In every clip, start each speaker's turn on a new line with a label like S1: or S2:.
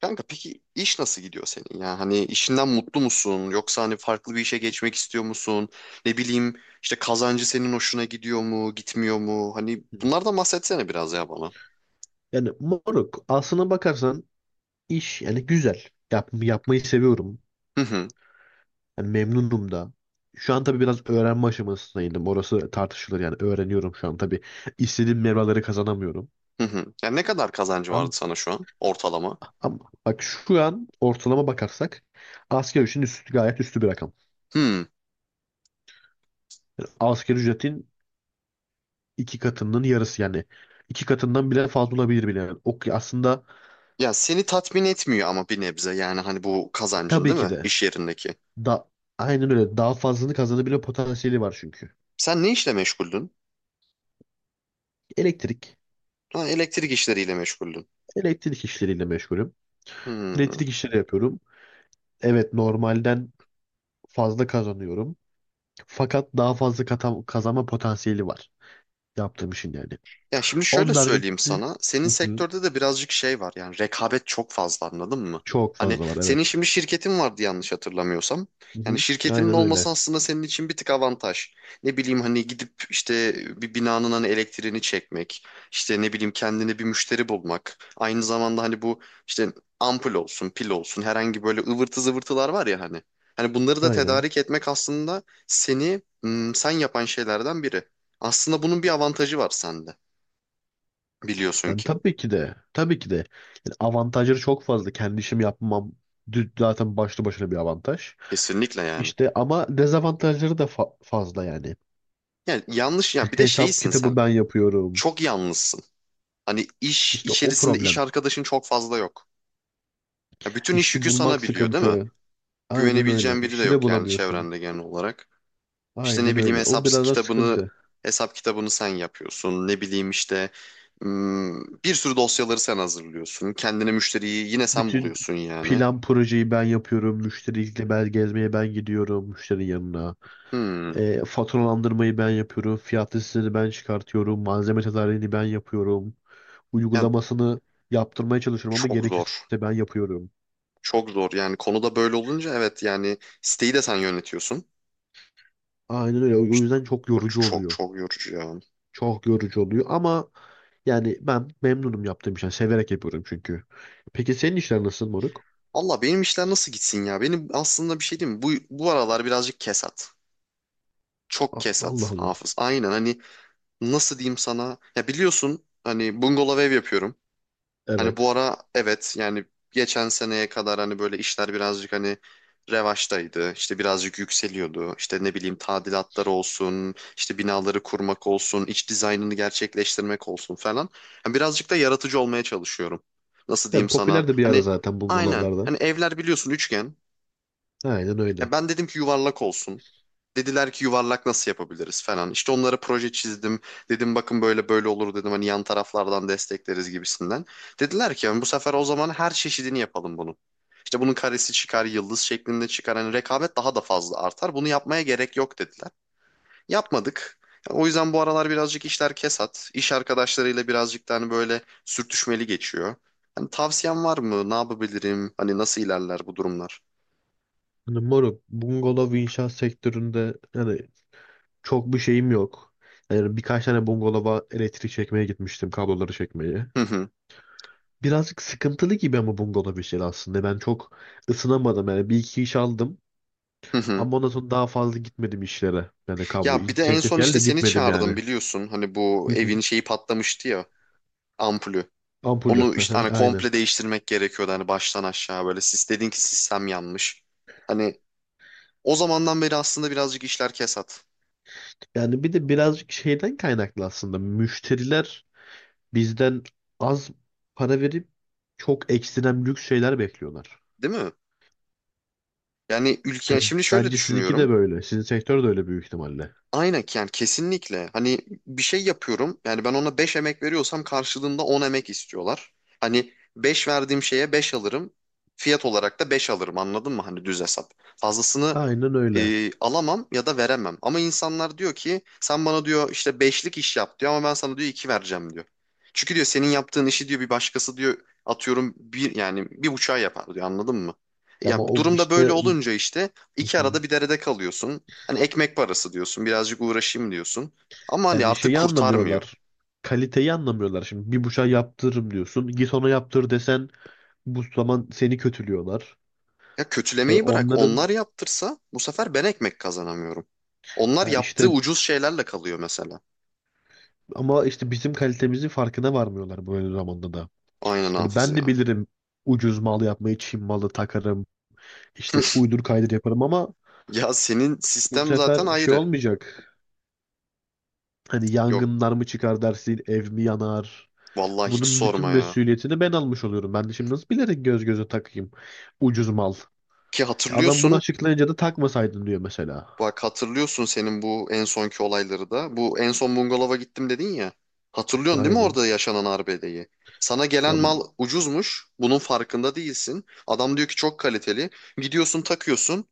S1: Kanka peki iş nasıl gidiyor senin ya? Hani işinden mutlu musun? Yoksa hani farklı bir işe geçmek istiyor musun? Ne bileyim işte kazancı senin hoşuna gidiyor mu, gitmiyor mu? Hani bunlardan bahsetsene biraz ya bana.
S2: Yani moruk, aslına bakarsan iş yani güzel. Yapmayı seviyorum.
S1: Hı hı
S2: Yani memnunum da. Şu an tabii biraz öğrenme aşamasındaydım. Orası tartışılır, yani öğreniyorum şu an tabii. istediğim mevraları kazanamıyorum.
S1: hı hı. Ya ne kadar kazancı vardı
S2: Ama,
S1: sana şu an ortalama?
S2: ama bak, şu an ortalama bakarsak asgari ücretin üstü, gayet üstü bir rakam.
S1: Hmm.
S2: Yani asgari ücretin iki katının yarısı, yani iki katından bile fazla olabilir bile. Yani ok aslında.
S1: Ya seni tatmin etmiyor ama bir nebze yani hani bu kazancın
S2: Tabii
S1: değil
S2: ki
S1: mi
S2: de,
S1: iş yerindeki?
S2: da aynen öyle, daha fazlasını kazanabilme potansiyeli var çünkü.
S1: Sen ne işle meşguldün?
S2: Elektrik,
S1: Ha, elektrik işleriyle meşguldün.
S2: elektrik işleriyle meşgulüm.
S1: Hmm.
S2: Elektrik işleri yapıyorum. Evet, normalden fazla kazanıyorum. Fakat daha fazla kazanma potansiyeli var yaptığım işin yani.
S1: Ya şimdi şöyle
S2: Onun haricinde.
S1: söyleyeyim sana. Senin
S2: Hı hı.
S1: sektörde de birazcık şey var. Yani rekabet çok fazla anladın mı?
S2: Çok
S1: Hani
S2: fazla var,
S1: senin
S2: evet.
S1: şimdi şirketin vardı yanlış hatırlamıyorsam.
S2: Hı
S1: Yani
S2: hı.
S1: şirketinin
S2: Aynen
S1: olması
S2: öyle.
S1: aslında senin için bir tık avantaj. Ne bileyim hani gidip işte bir binanın hani elektriğini çekmek, işte ne bileyim kendine bir müşteri bulmak. Aynı zamanda hani bu işte ampul olsun, pil olsun herhangi böyle ıvırtı zıvırtılar var ya hani. Hani bunları da
S2: Aynen.
S1: tedarik etmek aslında seni sen yapan şeylerden biri. Aslında bunun bir avantajı var sende. Biliyorsun
S2: Yani
S1: ki.
S2: tabii ki de. Tabii ki de. Yani avantajları çok fazla. Kendi işimi yapmam zaten başlı başına bir avantaj.
S1: Kesinlikle yani.
S2: İşte ama dezavantajları da fazla yani.
S1: Yani yanlış
S2: İşte
S1: ya bir de
S2: hesap
S1: şeysin sen.
S2: kitabı ben yapıyorum.
S1: Çok yalnızsın. Hani iş
S2: İşte o
S1: içerisinde iş
S2: problem.
S1: arkadaşın çok fazla yok. Ya bütün iş
S2: İşçi
S1: yükü sana
S2: bulmak
S1: biliyor değil mi?
S2: sıkıntı. Aynen öyle.
S1: Güvenebileceğin biri de
S2: İşçi de
S1: yok yani
S2: bulamıyorsun.
S1: çevrende genel olarak. İşte
S2: Aynen
S1: ne bileyim
S2: öyle. O
S1: hesap
S2: biraz da
S1: kitabını
S2: sıkıntı.
S1: hesap kitabını sen yapıyorsun. Ne bileyim işte bir sürü dosyaları sen hazırlıyorsun. Kendine müşteriyi yine sen
S2: Bütün
S1: buluyorsun yani.
S2: plan projeyi ben yapıyorum. Müşteriyle ben gezmeye ben gidiyorum, müşterinin yanına.
S1: Hmm.
S2: Faturalandırmayı ben yapıyorum. Fiyat listesini ben çıkartıyorum. Malzeme tedariğini ben yapıyorum.
S1: Yani
S2: Uygulamasını yaptırmaya çalışıyorum ama
S1: çok
S2: gerekirse
S1: zor.
S2: ben yapıyorum.
S1: Çok zor yani konuda böyle olunca evet yani siteyi de sen yönetiyorsun.
S2: Aynen öyle. O yüzden çok
S1: O
S2: yorucu
S1: çok
S2: oluyor.
S1: çok yorucu ya.
S2: Çok yorucu oluyor ama yani ben memnunum yaptığım işten. Severek yapıyorum çünkü. Peki senin işler nasıl moruk?
S1: Allah benim işler nasıl gitsin ya? Benim aslında bir şey diyeyim mi? Bu aralar birazcık kesat. Çok
S2: Allah
S1: kesat
S2: Allah.
S1: Hafız. Aynen hani nasıl diyeyim sana? Ya biliyorsun hani bungalov ev yapıyorum. Hani bu
S2: Evet.
S1: ara evet yani geçen seneye kadar hani böyle işler birazcık hani revaçtaydı. İşte birazcık yükseliyordu. İşte ne bileyim tadilatlar olsun, işte binaları kurmak olsun, iç dizaynını gerçekleştirmek olsun falan. Hani birazcık da yaratıcı olmaya çalışıyorum. Nasıl
S2: Ya,
S1: diyeyim sana?
S2: popüler de bir ara
S1: Hani
S2: zaten
S1: aynen.
S2: bungalovlarda.
S1: Hani evler biliyorsun üçgen.
S2: Aynen öyle.
S1: Ya ben dedim ki yuvarlak olsun. Dediler ki yuvarlak nasıl yapabiliriz falan. İşte onlara proje çizdim. Dedim bakın böyle böyle olur dedim. Hani yan taraflardan destekleriz gibisinden. Dediler ki yani bu sefer o zaman her çeşidini yapalım bunun. İşte bunun karesi çıkar, yıldız şeklinde çıkar. Hani rekabet daha da fazla artar. Bunu yapmaya gerek yok dediler. Yapmadık. O yüzden bu aralar birazcık işler kesat. İş arkadaşlarıyla birazcık da hani böyle sürtüşmeli geçiyor. Hani tavsiyen var mı? Ne yapabilirim? Hani nasıl ilerler bu durumlar?
S2: Yani moruk, bungalov inşaat sektöründe yani çok bir şeyim yok. Yani birkaç tane bungalova elektrik çekmeye gitmiştim, kabloları çekmeye.
S1: Hı hı.
S2: Birazcık sıkıntılı gibi ama bungalov işleri aslında. Ben çok ısınamadım yani, bir iki iş aldım
S1: Hı hı.
S2: ama ondan sonra daha fazla gitmedim işlere. Yani kablo
S1: Ya bir de en
S2: teklif
S1: son
S2: geldi de
S1: işte seni
S2: gitmedim yani.
S1: çağırdım biliyorsun. Hani bu
S2: Hı hı.
S1: evin şeyi patlamıştı ya ampulü.
S2: Ampulü.
S1: Onu
S2: Hı
S1: işte hani
S2: hı, aynen.
S1: komple değiştirmek gerekiyordu hani baştan aşağı böyle. Siz dedin ki sistem yanmış. Hani o zamandan beri aslında birazcık işler kesat.
S2: Yani bir de birazcık şeyden kaynaklı aslında. Müşteriler bizden az para verip çok ekstrem lüks şeyler bekliyorlar.
S1: Değil mi? Yani ülke
S2: Hani
S1: şimdi şöyle
S2: bence sizinki de
S1: düşünüyorum.
S2: böyle. Sizin sektör de öyle büyük ihtimalle.
S1: Aynen yani kesinlikle. Hani bir şey yapıyorum. Yani ben ona 5 emek veriyorsam karşılığında 10 emek istiyorlar. Hani 5 verdiğim şeye 5 alırım. Fiyat olarak da 5 alırım anladın mı? Hani düz hesap. Fazlasını
S2: Aynen öyle.
S1: alamam ya da veremem. Ama insanlar diyor ki sen bana diyor işte beşlik iş yap diyor ama ben sana diyor 2 vereceğim diyor. Çünkü diyor senin yaptığın işi diyor bir başkası diyor atıyorum bir yani bir buçuğa yapar diyor anladın mı?
S2: Ama
S1: Ya bu
S2: o
S1: durumda böyle
S2: işte,
S1: olunca işte iki arada bir derede kalıyorsun. Hani ekmek parası diyorsun, birazcık uğraşayım diyorsun. Ama hani
S2: yani
S1: artık
S2: şeyi
S1: kurtarmıyor.
S2: anlamıyorlar. Kaliteyi anlamıyorlar. Şimdi bir bıçağı yaptırırım diyorsun. Git ona yaptır desen bu zaman seni kötülüyorlar.
S1: Ya
S2: E
S1: kötülemeyi bırak.
S2: onların,
S1: Onlar yaptırsa bu sefer ben ekmek kazanamıyorum. Onlar
S2: ya
S1: yaptığı
S2: işte,
S1: ucuz şeylerle kalıyor mesela.
S2: ama işte bizim kalitemizin farkına varmıyorlar böyle zamanda da.
S1: Aynen
S2: Yani
S1: hafız
S2: ben de
S1: ya.
S2: bilirim ucuz mal yapmayı, Çin malı takarım, işte uydur kaydır yaparım ama
S1: Ya senin
S2: bu
S1: sistem
S2: sefer
S1: zaten
S2: şey
S1: ayrı.
S2: olmayacak. Hani
S1: Yok
S2: yangınlar mı çıkar dersin, ev mi yanar?
S1: vallahi hiç
S2: Bunun bütün
S1: sorma ya.
S2: mesuliyetini ben almış oluyorum. Ben de şimdi nasıl bilerek göz göze takayım ucuz mal?
S1: Ki
S2: Adam bunu
S1: hatırlıyorsun
S2: açıklayınca da takmasaydın diyor mesela.
S1: bak hatırlıyorsun senin bu en sonki olayları da. Bu en son bungalova gittim dedin ya. Hatırlıyorsun değil mi
S2: Aynen.
S1: orada yaşanan arbedeyi? Sana gelen
S2: Ya
S1: mal ucuzmuş. Bunun farkında değilsin. Adam diyor ki çok kaliteli. Gidiyorsun takıyorsun.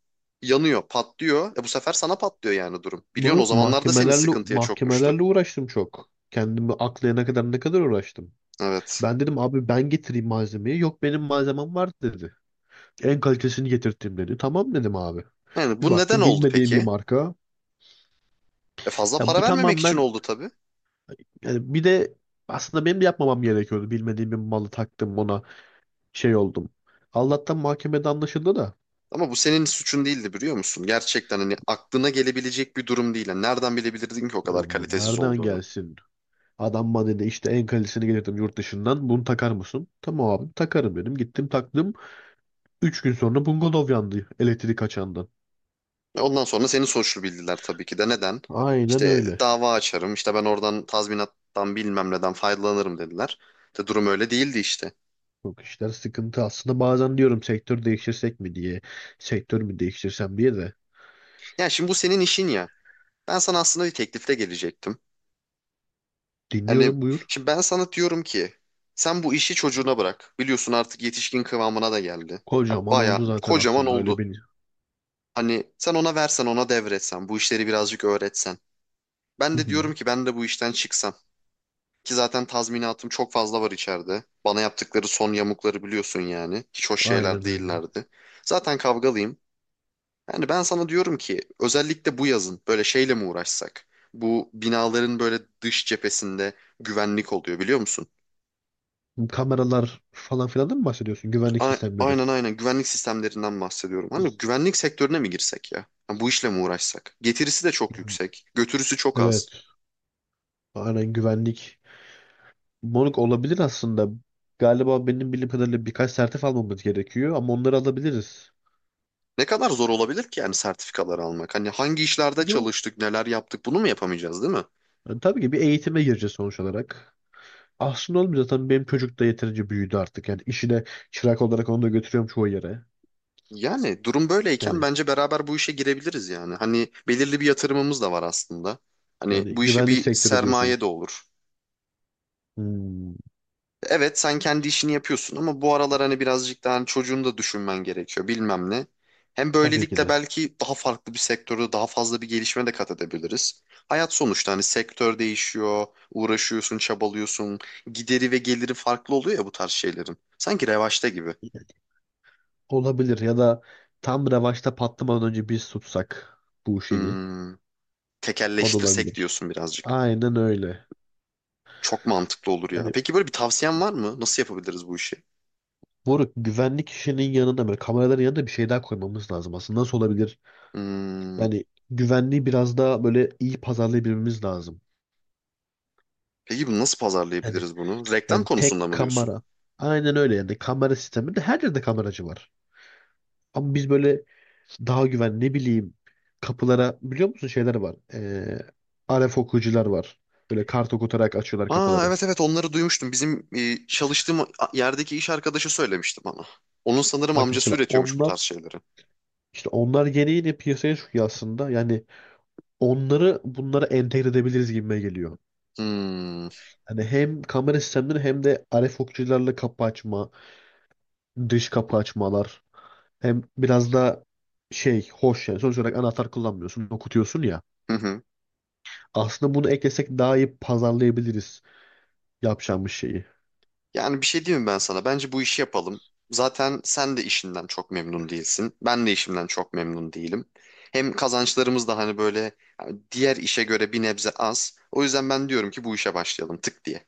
S1: Yanıyor, patlıyor. E bu sefer sana patlıyor yani durum. Biliyorsun o
S2: bunu
S1: zamanlarda seni
S2: mahkemelerle
S1: sıkıntıya çokmuştu.
S2: mahkemelerle uğraştım çok. Kendimi aklayana kadar ne kadar uğraştım.
S1: Evet.
S2: Ben dedim abi ben getireyim malzemeyi. Yok benim malzemem var dedi. En kalitesini getirttim dedi. Tamam dedim abi.
S1: Yani
S2: Bir
S1: bu neden
S2: baktım
S1: oldu
S2: bilmediğim bir
S1: peki?
S2: marka.
S1: E fazla
S2: Ya
S1: para
S2: bu
S1: vermemek için
S2: tamamen,
S1: oldu tabii.
S2: yani bir de aslında benim de yapmamam gerekiyordu. Bilmediğim bir malı taktım ona, şey oldum. Allah'tan mahkemede anlaşıldı da,
S1: Ama bu senin suçun değildi biliyor musun? Gerçekten hani aklına gelebilecek bir durum değil. Yani nereden bilebilirdin ki o kadar
S2: bu
S1: kalitesiz
S2: nereden
S1: olduğunu?
S2: gelsin? Adam bana dedi işte en kalitesini getirdim yurt dışından. Bunu takar mısın? Tamam abi takarım dedim. Gittim taktım. Üç gün sonra bungalov yandı elektrik açandan.
S1: Ve ondan sonra seni suçlu bildiler tabii ki de. Neden?
S2: Aynen
S1: İşte
S2: öyle.
S1: dava açarım, işte ben oradan tazminattan bilmem neden faydalanırım dediler. De durum öyle değildi işte.
S2: Çok işler sıkıntı. Aslında bazen diyorum sektör değiştirsek mi diye. Sektör mü değiştirsem diye de.
S1: Yani şimdi bu senin işin ya. Ben sana aslında bir teklifle gelecektim. Hani
S2: Dinliyorum, buyur.
S1: şimdi ben sana diyorum ki sen bu işi çocuğuna bırak. Biliyorsun artık yetişkin kıvamına da geldi. Ya
S2: Kocaman
S1: bayağı
S2: oldu zaten
S1: kocaman
S2: aslında öyle
S1: oldu.
S2: bir.
S1: Hani sen ona versen ona devretsen bu işleri birazcık öğretsen. Ben
S2: Hı
S1: de
S2: hı.
S1: diyorum ki ben de bu işten çıksam. Ki zaten tazminatım çok fazla var içeride. Bana yaptıkları son yamukları biliyorsun yani. Hiç hoş şeyler
S2: Aynen öyle.
S1: değillerdi. Zaten kavgalıyım. Yani ben sana diyorum ki özellikle bu yazın böyle şeyle mi uğraşsak? Bu binaların böyle dış cephesinde güvenlik oluyor biliyor musun?
S2: Kameralar falan filan da mı bahsediyorsun? Güvenlik sistemleri.
S1: Aynen aynen güvenlik sistemlerinden bahsediyorum. Hani güvenlik sektörüne mi girsek ya? Ha, bu işle mi uğraşsak? Getirisi de çok yüksek, götürüsü çok
S2: Evet.
S1: az.
S2: Aynen, güvenlik. Moruk, olabilir aslında. Galiba benim bildiğim kadarıyla birkaç sertif almamız gerekiyor ama onları alabiliriz.
S1: Ne kadar zor olabilir ki yani sertifikaları almak? Hani hangi işlerde
S2: Yo,
S1: çalıştık, neler yaptık bunu mu yapamayacağız değil mi?
S2: yani tabii ki bir eğitime gireceğiz sonuç olarak. Aslında olmuyor zaten, benim çocuk da yeterince büyüdü artık. Yani işine çırak olarak onu da götürüyorum çoğu yere.
S1: Yani durum böyleyken
S2: Yani
S1: bence beraber bu işe girebiliriz yani. Hani belirli bir yatırımımız da var aslında. Hani
S2: yani
S1: bu işe
S2: güvenlik
S1: bir
S2: sektörü diyorsun.
S1: sermaye de olur.
S2: Hmm,
S1: Evet sen kendi işini yapıyorsun ama bu aralar hani birazcık daha hani çocuğunu da düşünmen gerekiyor bilmem ne. Hem
S2: tabii ki
S1: böylelikle
S2: de.
S1: belki daha farklı bir sektörde daha fazla bir gelişme de kat edebiliriz. Hayat sonuçta hani sektör değişiyor, uğraşıyorsun, çabalıyorsun. Gideri ve geliri farklı oluyor ya bu tarz şeylerin. Sanki revaçta gibi.
S2: Olabilir ya da tam revaçta patlamadan önce biz tutsak bu şeyi.
S1: Hmm,
S2: O da
S1: tekelleştirsek
S2: olabilir.
S1: diyorsun birazcık.
S2: Aynen öyle.
S1: Çok mantıklı olur ya.
S2: Yani
S1: Peki böyle bir tavsiyen var mı? Nasıl yapabiliriz bu işi?
S2: moruk, güvenlik işinin yanında, böyle kameraların yanında bir şey daha koymamız lazım aslında. Nasıl olabilir?
S1: Hmm,
S2: Yani güvenliği biraz daha böyle iyi pazarlayabilmemiz lazım.
S1: peki bu nasıl
S2: Yani,
S1: pazarlayabiliriz bunu? Reklam
S2: yani
S1: konusunda
S2: tek
S1: mı diyorsun?
S2: kamera. Aynen öyle, yani kamera sisteminde her yerde kameracı var. Ama biz böyle daha güven, ne bileyim, kapılara biliyor musun şeyler var. RF okuyucular var. Böyle kart okutarak açıyorlar
S1: Aa
S2: kapıları.
S1: evet evet onları duymuştum. Bizim çalıştığım yerdeki iş arkadaşı söylemişti bana. Onun sanırım
S2: Bak
S1: amcası
S2: mesela
S1: üretiyormuş bu
S2: onlar,
S1: tarz şeyleri.
S2: işte onlar yeni yeni piyasaya çıkıyor aslında. Yani onları bunlara entegre edebiliriz gibime geliyor.
S1: Hmm,
S2: Hani hem kamera sistemleri hem de RF okuyucularla kapı açma, dış kapı açmalar. Hem biraz da şey hoş yani. Sonuç olarak anahtar kullanmıyorsun, okutuyorsun ya.
S1: hı hı.
S2: Aslında bunu eklesek daha iyi pazarlayabiliriz yapacağımız şeyi.
S1: Yani bir şey diyeyim mi ben sana? Bence bu işi yapalım. Zaten sen de işinden çok memnun değilsin. Ben de işimden çok memnun değilim. Hem kazançlarımız da hani böyle yani diğer işe göre bir nebze az. O yüzden ben diyorum ki bu işe başlayalım tık diye.